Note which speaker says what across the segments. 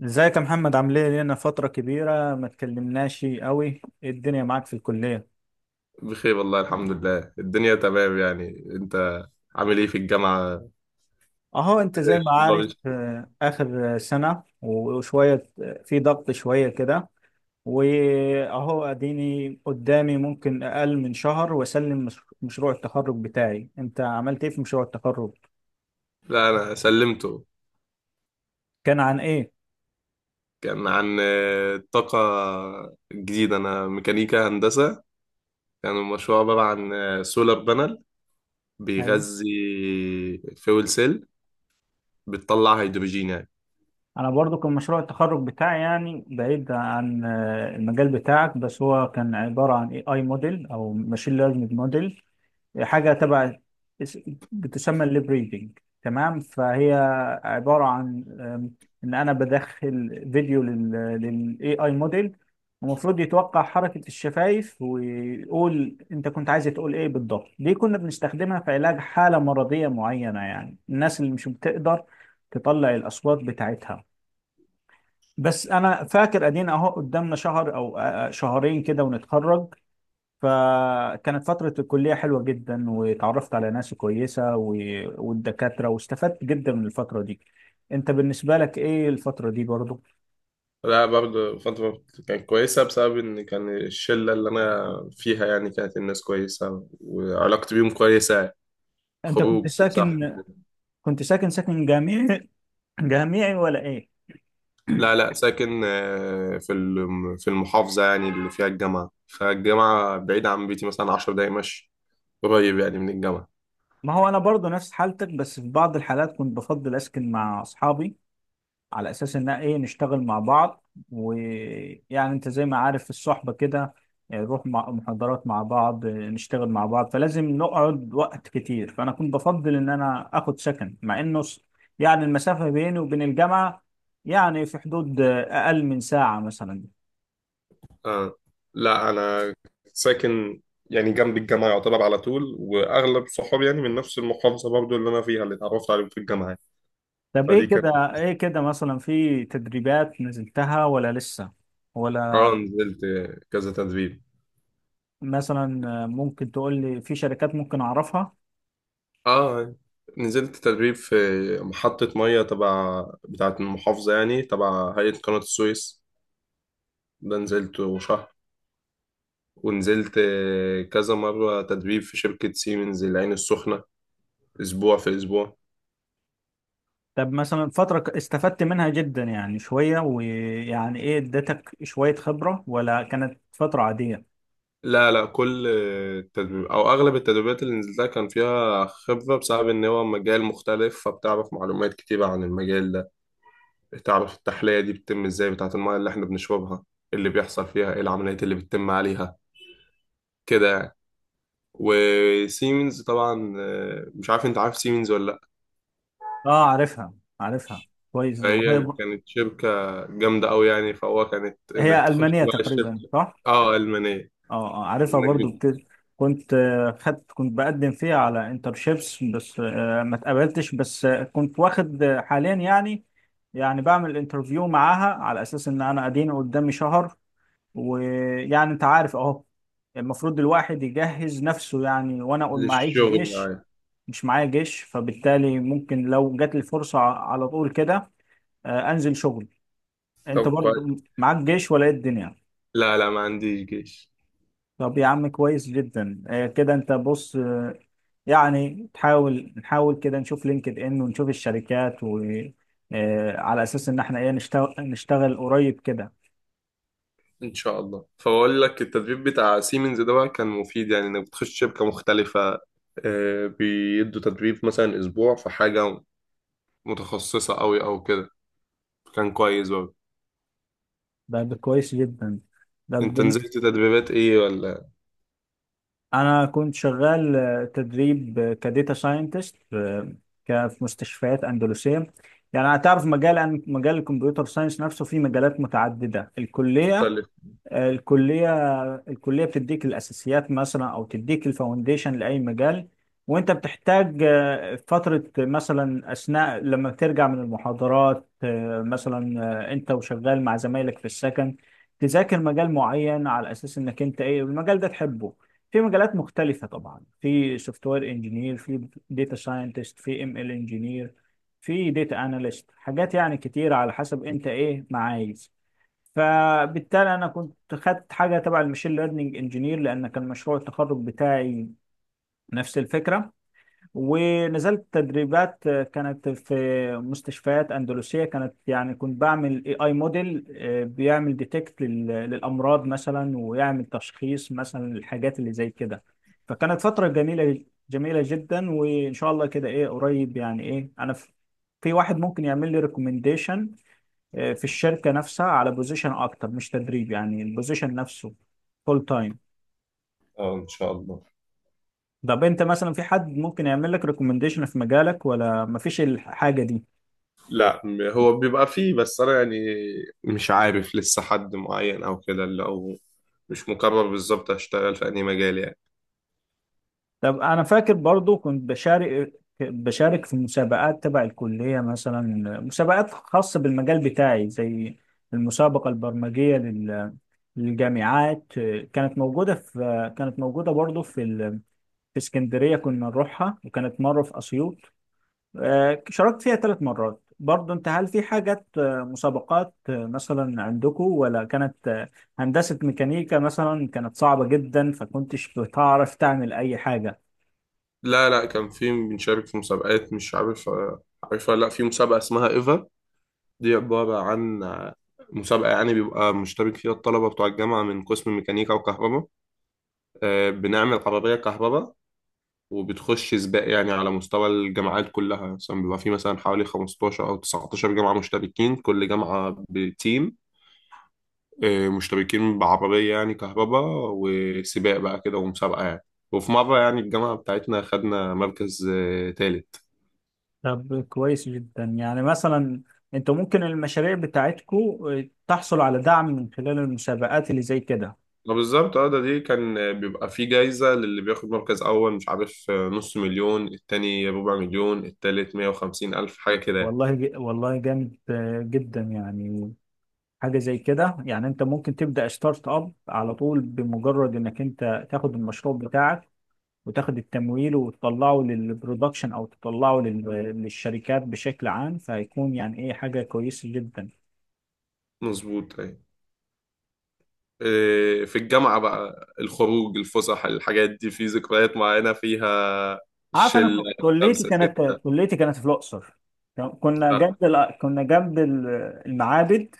Speaker 1: ازيك يا محمد؟ عامل ايه؟ لينا فترة كبيرة ما اتكلمناش قوي. ايه الدنيا معاك في الكلية؟
Speaker 2: بخير والله الحمد لله الدنيا تمام يعني. انت عامل ايه في الجامعة؟
Speaker 1: اهو انت زي ما عارف،
Speaker 2: إيه؟
Speaker 1: اخر سنة وشوية، في ضغط شوية كده. واهو اديني قدامي ممكن اقل من شهر واسلم مشروع التخرج بتاعي. انت عملت ايه في مشروع التخرج؟
Speaker 2: لا، انا سلمته.
Speaker 1: كان عن ايه؟
Speaker 2: كان عن الطاقة الجديدة. انا ميكانيكا هندسة. كان المشروع عبارة عن سولار بانل
Speaker 1: ايوه،
Speaker 2: بيغذي فيول سيل بتطلع هيدروجين يعني.
Speaker 1: انا برضو كان مشروع التخرج بتاعي يعني بعيد عن المجال بتاعك، بس هو كان عبارة عن AI موديل او ماشين ليرنينج موديل. حاجة تبع اس- بتسمى الليبريدنج. تمام، فهي عبارة عن إن أنا بدخل فيديو لل AI موديل، المفروض يتوقع حركة الشفايف ويقول أنت كنت عايز تقول إيه بالضبط. دي كنا بنستخدمها في علاج حالة مرضية معينة، يعني الناس اللي مش بتقدر تطلع الأصوات بتاعتها. بس أنا فاكر أدينا أهو قدامنا شهر أو شهرين كده ونتخرج. فكانت فترة الكلية حلوة جدا، وتعرفت على ناس كويسة و... والدكاترة، واستفدت جدا من الفترة دي. انت بالنسبة لك ايه الفترة دي برضو؟
Speaker 2: لا، برضه فترة كانت كويسة بسبب إن كان الشلة اللي أنا فيها يعني، كانت الناس كويسة وعلاقتي بيهم كويسة يعني.
Speaker 1: انت كنت
Speaker 2: خروج صح.
Speaker 1: ساكن كنت ساكن ساكن جامعي، جامعي ولا ايه؟
Speaker 2: لا، لا، ساكن في المحافظة يعني اللي فيها الجامعة، فالجامعة بعيدة عن بيتي مثلا 10 دقايق مشي. قريب يعني من الجامعة.
Speaker 1: ما هو انا برضو نفس حالتك، بس في بعض الحالات كنت بفضل اسكن مع اصحابي على اساس ان ايه، نشتغل مع بعض. ويعني انت زي ما عارف في الصحبة كده، نروح مع محاضرات مع بعض، نشتغل مع بعض، فلازم نقعد وقت كتير. فانا كنت بفضل ان انا اخد سكن مع انه يعني المسافة بيني وبين الجامعة يعني في حدود اقل من ساعة مثلا.
Speaker 2: آه. لا أنا ساكن يعني جنب الجامعة يعتبر على طول، وأغلب صحابي يعني من نفس المحافظة برضو اللي أنا فيها، اللي اتعرفت عليهم في الجامعة يعني.
Speaker 1: طب،
Speaker 2: فدي
Speaker 1: ايه
Speaker 2: كانت.
Speaker 1: كده ايه كده مثلا، في تدريبات نزلتها ولا لسه؟
Speaker 2: آه،
Speaker 1: ولا
Speaker 2: نزلت كذا تدريب.
Speaker 1: مثلا ممكن تقول لي في شركات ممكن اعرفها؟
Speaker 2: آه، نزلت تدريب في محطة مية تبع، بتاعة المحافظة يعني، تبع هيئة قناة السويس. ده نزلت، ونزلت كذا مرة تدريب في شركة سيمنز العين السخنة، أسبوع في أسبوع.
Speaker 1: طب مثلا فترة استفدت منها جدا يعني شوية، ويعني ايه، ادتك شوية خبرة ولا كانت فترة عادية؟
Speaker 2: لا، لا، كل تدريب أو أغلب التدريبات اللي نزلتها كان فيها خبرة، بسبب إن هو مجال مختلف، فبتعرف معلومات كتيرة عن المجال ده. تعرف التحلية دي بتتم إزاي، بتاعة المية اللي إحنا بنشربها، اللي بيحصل فيها إيه العمليات اللي بتتم عليها كده يعني. وسيمنز طبعا، مش عارف أنت عارف سيمنز ولا لأ.
Speaker 1: اه، عارفها، عارفها كويس. وهي
Speaker 2: فهي كانت شركة جامدة أوي يعني، فهو كانت إنك
Speaker 1: هي
Speaker 2: تخش
Speaker 1: ألمانية
Speaker 2: بقى
Speaker 1: تقريبا،
Speaker 2: الشركة.
Speaker 1: صح؟
Speaker 2: اه، المانيه.
Speaker 1: اه، عارفها
Speaker 2: انك
Speaker 1: برضو
Speaker 2: بت-
Speaker 1: كنت آه، خدت كنت بقدم فيها على انترشيبس، بس ما اتقبلتش. بس كنت واخد حاليا يعني، يعني بعمل انترفيو معاها على اساس ان انا اديني قدامي شهر. ويعني انت عارف اهو، المفروض الواحد يجهز نفسه يعني. وانا معيش
Speaker 2: للشغل
Speaker 1: جيش،
Speaker 2: يعني.
Speaker 1: مش معايا جيش، فبالتالي ممكن لو جات لي فرصة على طول كده، انزل شغل. انت
Speaker 2: طب كويس.
Speaker 1: برضو معاك جيش ولا ايه الدنيا؟
Speaker 2: لا، لا، ما عنديش جيش.
Speaker 1: طب يا عم، كويس جدا. كده انت بص، يعني نحاول كده نشوف لينكد ان، ونشوف الشركات و على اساس ان احنا ايه، نشتغل قريب كده.
Speaker 2: ان شاء الله. فبقول لك التدريب بتاع سيمنز ده بقى كان مفيد، يعني انك بتخش شركة مختلفة، بيدوا تدريب مثلا اسبوع في حاجة متخصصة قوي او كده. كان كويس برضه.
Speaker 1: ده كويس جدا. ده
Speaker 2: انت نزلت تدريبات ايه ولا
Speaker 1: انا كنت شغال تدريب كديتا ساينتست في في مستشفيات اندلسيه. يعني هتعرف مجال الكمبيوتر ساينس نفسه فيه مجالات متعدده. الكليه
Speaker 2: مختلف؟
Speaker 1: الكلية الكلية بتديك الأساسيات مثلا، أو تديك الفاونديشن لأي مجال. وأنت بتحتاج فترة مثلا، أثناء لما بترجع من المحاضرات، مثلا، أنت وشغال مع زمايلك في السكن، تذاكر مجال معين على أساس إنك أنت إيه، المجال ده تحبه. في مجالات مختلفة طبعا، في سوفت وير انجينير، في داتا ساينتست، في ML انجينير، في داتا اناليست، حاجات يعني كتير على حسب انت ايه ما عايز. فبالتالي انا كنت خدت حاجه تبع المشين ليرنينج انجينير، لان كان مشروع التخرج بتاعي نفس الفكره. ونزلت تدريبات كانت في مستشفيات اندلسيه، كانت يعني كنت بعمل AI موديل بيعمل ديتكت للامراض مثلا، ويعمل تشخيص مثلا للحاجات اللي زي كده. فكانت فتره جميله جميله جدا. وان شاء الله كده ايه قريب، يعني ايه، انا في واحد ممكن يعمل لي ريكومنديشن في الشركه نفسها على بوزيشن اكتر، مش تدريب، يعني البوزيشن نفسه فول تايم.
Speaker 2: اه، ان شاء الله.
Speaker 1: طب انت مثلا، في حد ممكن يعمل لك ريكومنديشن في مجالك ولا مفيش الحاجه دي؟
Speaker 2: لا م- هو بيبقى فيه، بس انا يعني مش عارف لسه حد معين او كده، اللي او مش مقرر بالظبط هشتغل في انهي مجال يعني.
Speaker 1: طب انا فاكر برضو كنت بشارك في مسابقات تبع الكليه مثلا، مسابقات خاصه بالمجال بتاعي، زي المسابقه البرمجيه للجامعات. كانت موجودة برضو في اسكندرية كنا نروحها، وكانت مرة في أسيوط. شاركت فيها 3 مرات برضه. انت هل في حاجات مسابقات مثلا عندكم، ولا كانت هندسة ميكانيكا مثلا كانت صعبة جدا فكنتش بتعرف تعمل اي حاجة؟
Speaker 2: لا، لا، كان في، بنشارك في مسابقات مش عارف عارفها، لا في مسابقة اسمها إيفا. دي عبارة عن مسابقة، يعني بيبقى مشترك فيها الطلبة بتوع الجامعة من قسم ميكانيكا وكهرباء، بنعمل عربية كهرباء وبتخش سباق يعني، على مستوى الجامعات كلها. مثلا بيبقى في مثلا حوالي 15 أو 19 جامعة مشتركين، كل جامعة بتيم مشتركين بعربية يعني كهرباء، وسباق بقى كده ومسابقة يعني. وفي مرة يعني الجامعة بتاعتنا خدنا مركز تالت.
Speaker 1: طب كويس جدا. يعني مثلا، انتوا ممكن المشاريع بتاعتكم تحصل على دعم من خلال المسابقات اللي زي كده.
Speaker 2: ما بالظبط، اه ده، دي كان بيبقى في جايزة للي بياخد مركز أول، مش عارف، نص مليون، التاني ربع مليون، التالت 150,000، حاجة كده يعني.
Speaker 1: والله والله جامد جدا، يعني حاجة زي كده. يعني انت ممكن تبدأ ستارت اب على طول، بمجرد انك انت تاخد المشروع بتاعك، وتاخد التمويل وتطلعه للبرودكشن او تطلعه للشركات بشكل عام، فهيكون يعني ايه حاجه كويسه جدا.
Speaker 2: مظبوط، أيوة. في الجامعة بقى الخروج الفسح الحاجات دي في ذكريات معينة فيها،
Speaker 1: عارف، انا
Speaker 2: شلة خمسة ستة.
Speaker 1: كليتي كانت في الاقصر.
Speaker 2: آه.
Speaker 1: كنا جنب المعابد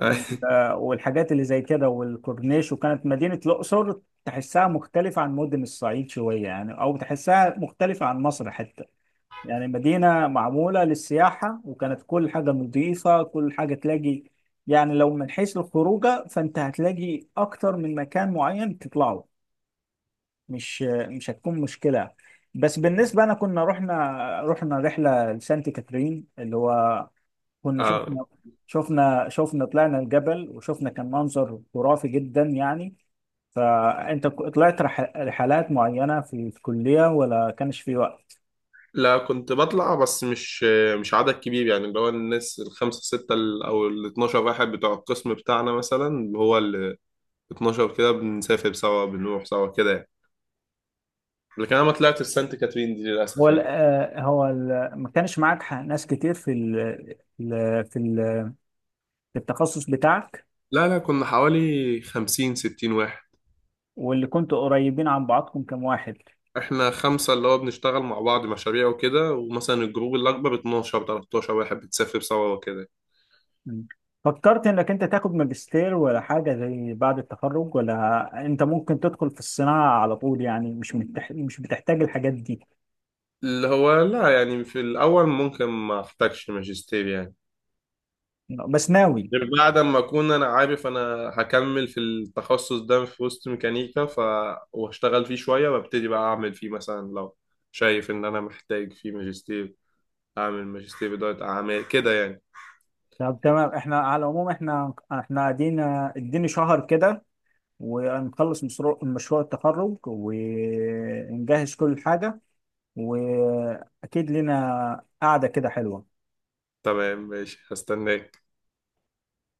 Speaker 1: وال- والحاجات اللي زي كده والكورنيش. وكانت مدينه الاقصر تحسها مختلفه عن مدن الصعيد شويه يعني، او تحسها مختلفه عن مصر حتى. يعني مدينة معمولة للسياحة، وكانت كل حاجة نظيفة، كل حاجة تلاقي. يعني لو من حيث الخروجة فأنت هتلاقي أكتر من مكان معين تطلعه، مش مش هتكون مشكلة. بس بالنسبة أنا كنا رحنا رحلة لسانت كاترين اللي هو، كنا
Speaker 2: آه.
Speaker 1: شفنا طلعنا الجبل، وشفنا كان منظر خرافي جدا يعني. فأنت طلعت رحلات معينة في الكلية ولا كانش في وقت؟
Speaker 2: لا كنت بطلع، بس مش عدد كبير يعني، اللي هو الناس الخمسة ستة أو ال 12 واحد بتوع القسم بتاعنا مثلا، اللي هو ال 12 كده بنسافر سوا بنروح سوا كده يعني. لكن انا ما طلعتش سانت كاترين دي
Speaker 1: هو
Speaker 2: للاسف
Speaker 1: ال-
Speaker 2: يعني.
Speaker 1: آه، هو ال- ما كانش معاك ناس كتير في ال- في ال- في التخصص بتاعك.
Speaker 2: لا، لا، كنا حوالي 50 60 واحد.
Speaker 1: واللي كنتوا قريبين عن بعضكم كم واحد؟
Speaker 2: احنا خمسة اللي هو بنشتغل مع بعض مشاريع وكده، ومثلا الجروب الأكبر 12 13 واحد بتسافر سوا وكده.
Speaker 1: م. فكرت انك انت تاخد ماجستير ولا حاجة زي بعد التخرج، ولا انت ممكن تدخل في الصناعة على طول، يعني مش بتحتاج الحاجات دي؟
Speaker 2: اللي هو لا يعني في الأول ممكن ما أحتاجش ماجستير يعني،
Speaker 1: بس ناوي؟
Speaker 2: غير بعد ما أكون أنا عارف أنا هكمل في التخصص ده في وسط ميكانيكا، ف وأشتغل فيه شوية وأبتدي بقى أعمل فيه، مثلا لو شايف إن أنا محتاج فيه ماجستير، أعمل ماجستير إدارة أعمال كده يعني.
Speaker 1: طب تمام، احنا على العموم، احنا احنا قاعدين اديني شهر كده، ونخلص مشروع التخرج، ونجهز كل حاجة، واكيد لنا قعده كده حلوه.
Speaker 2: تمام ماشي، هستناك.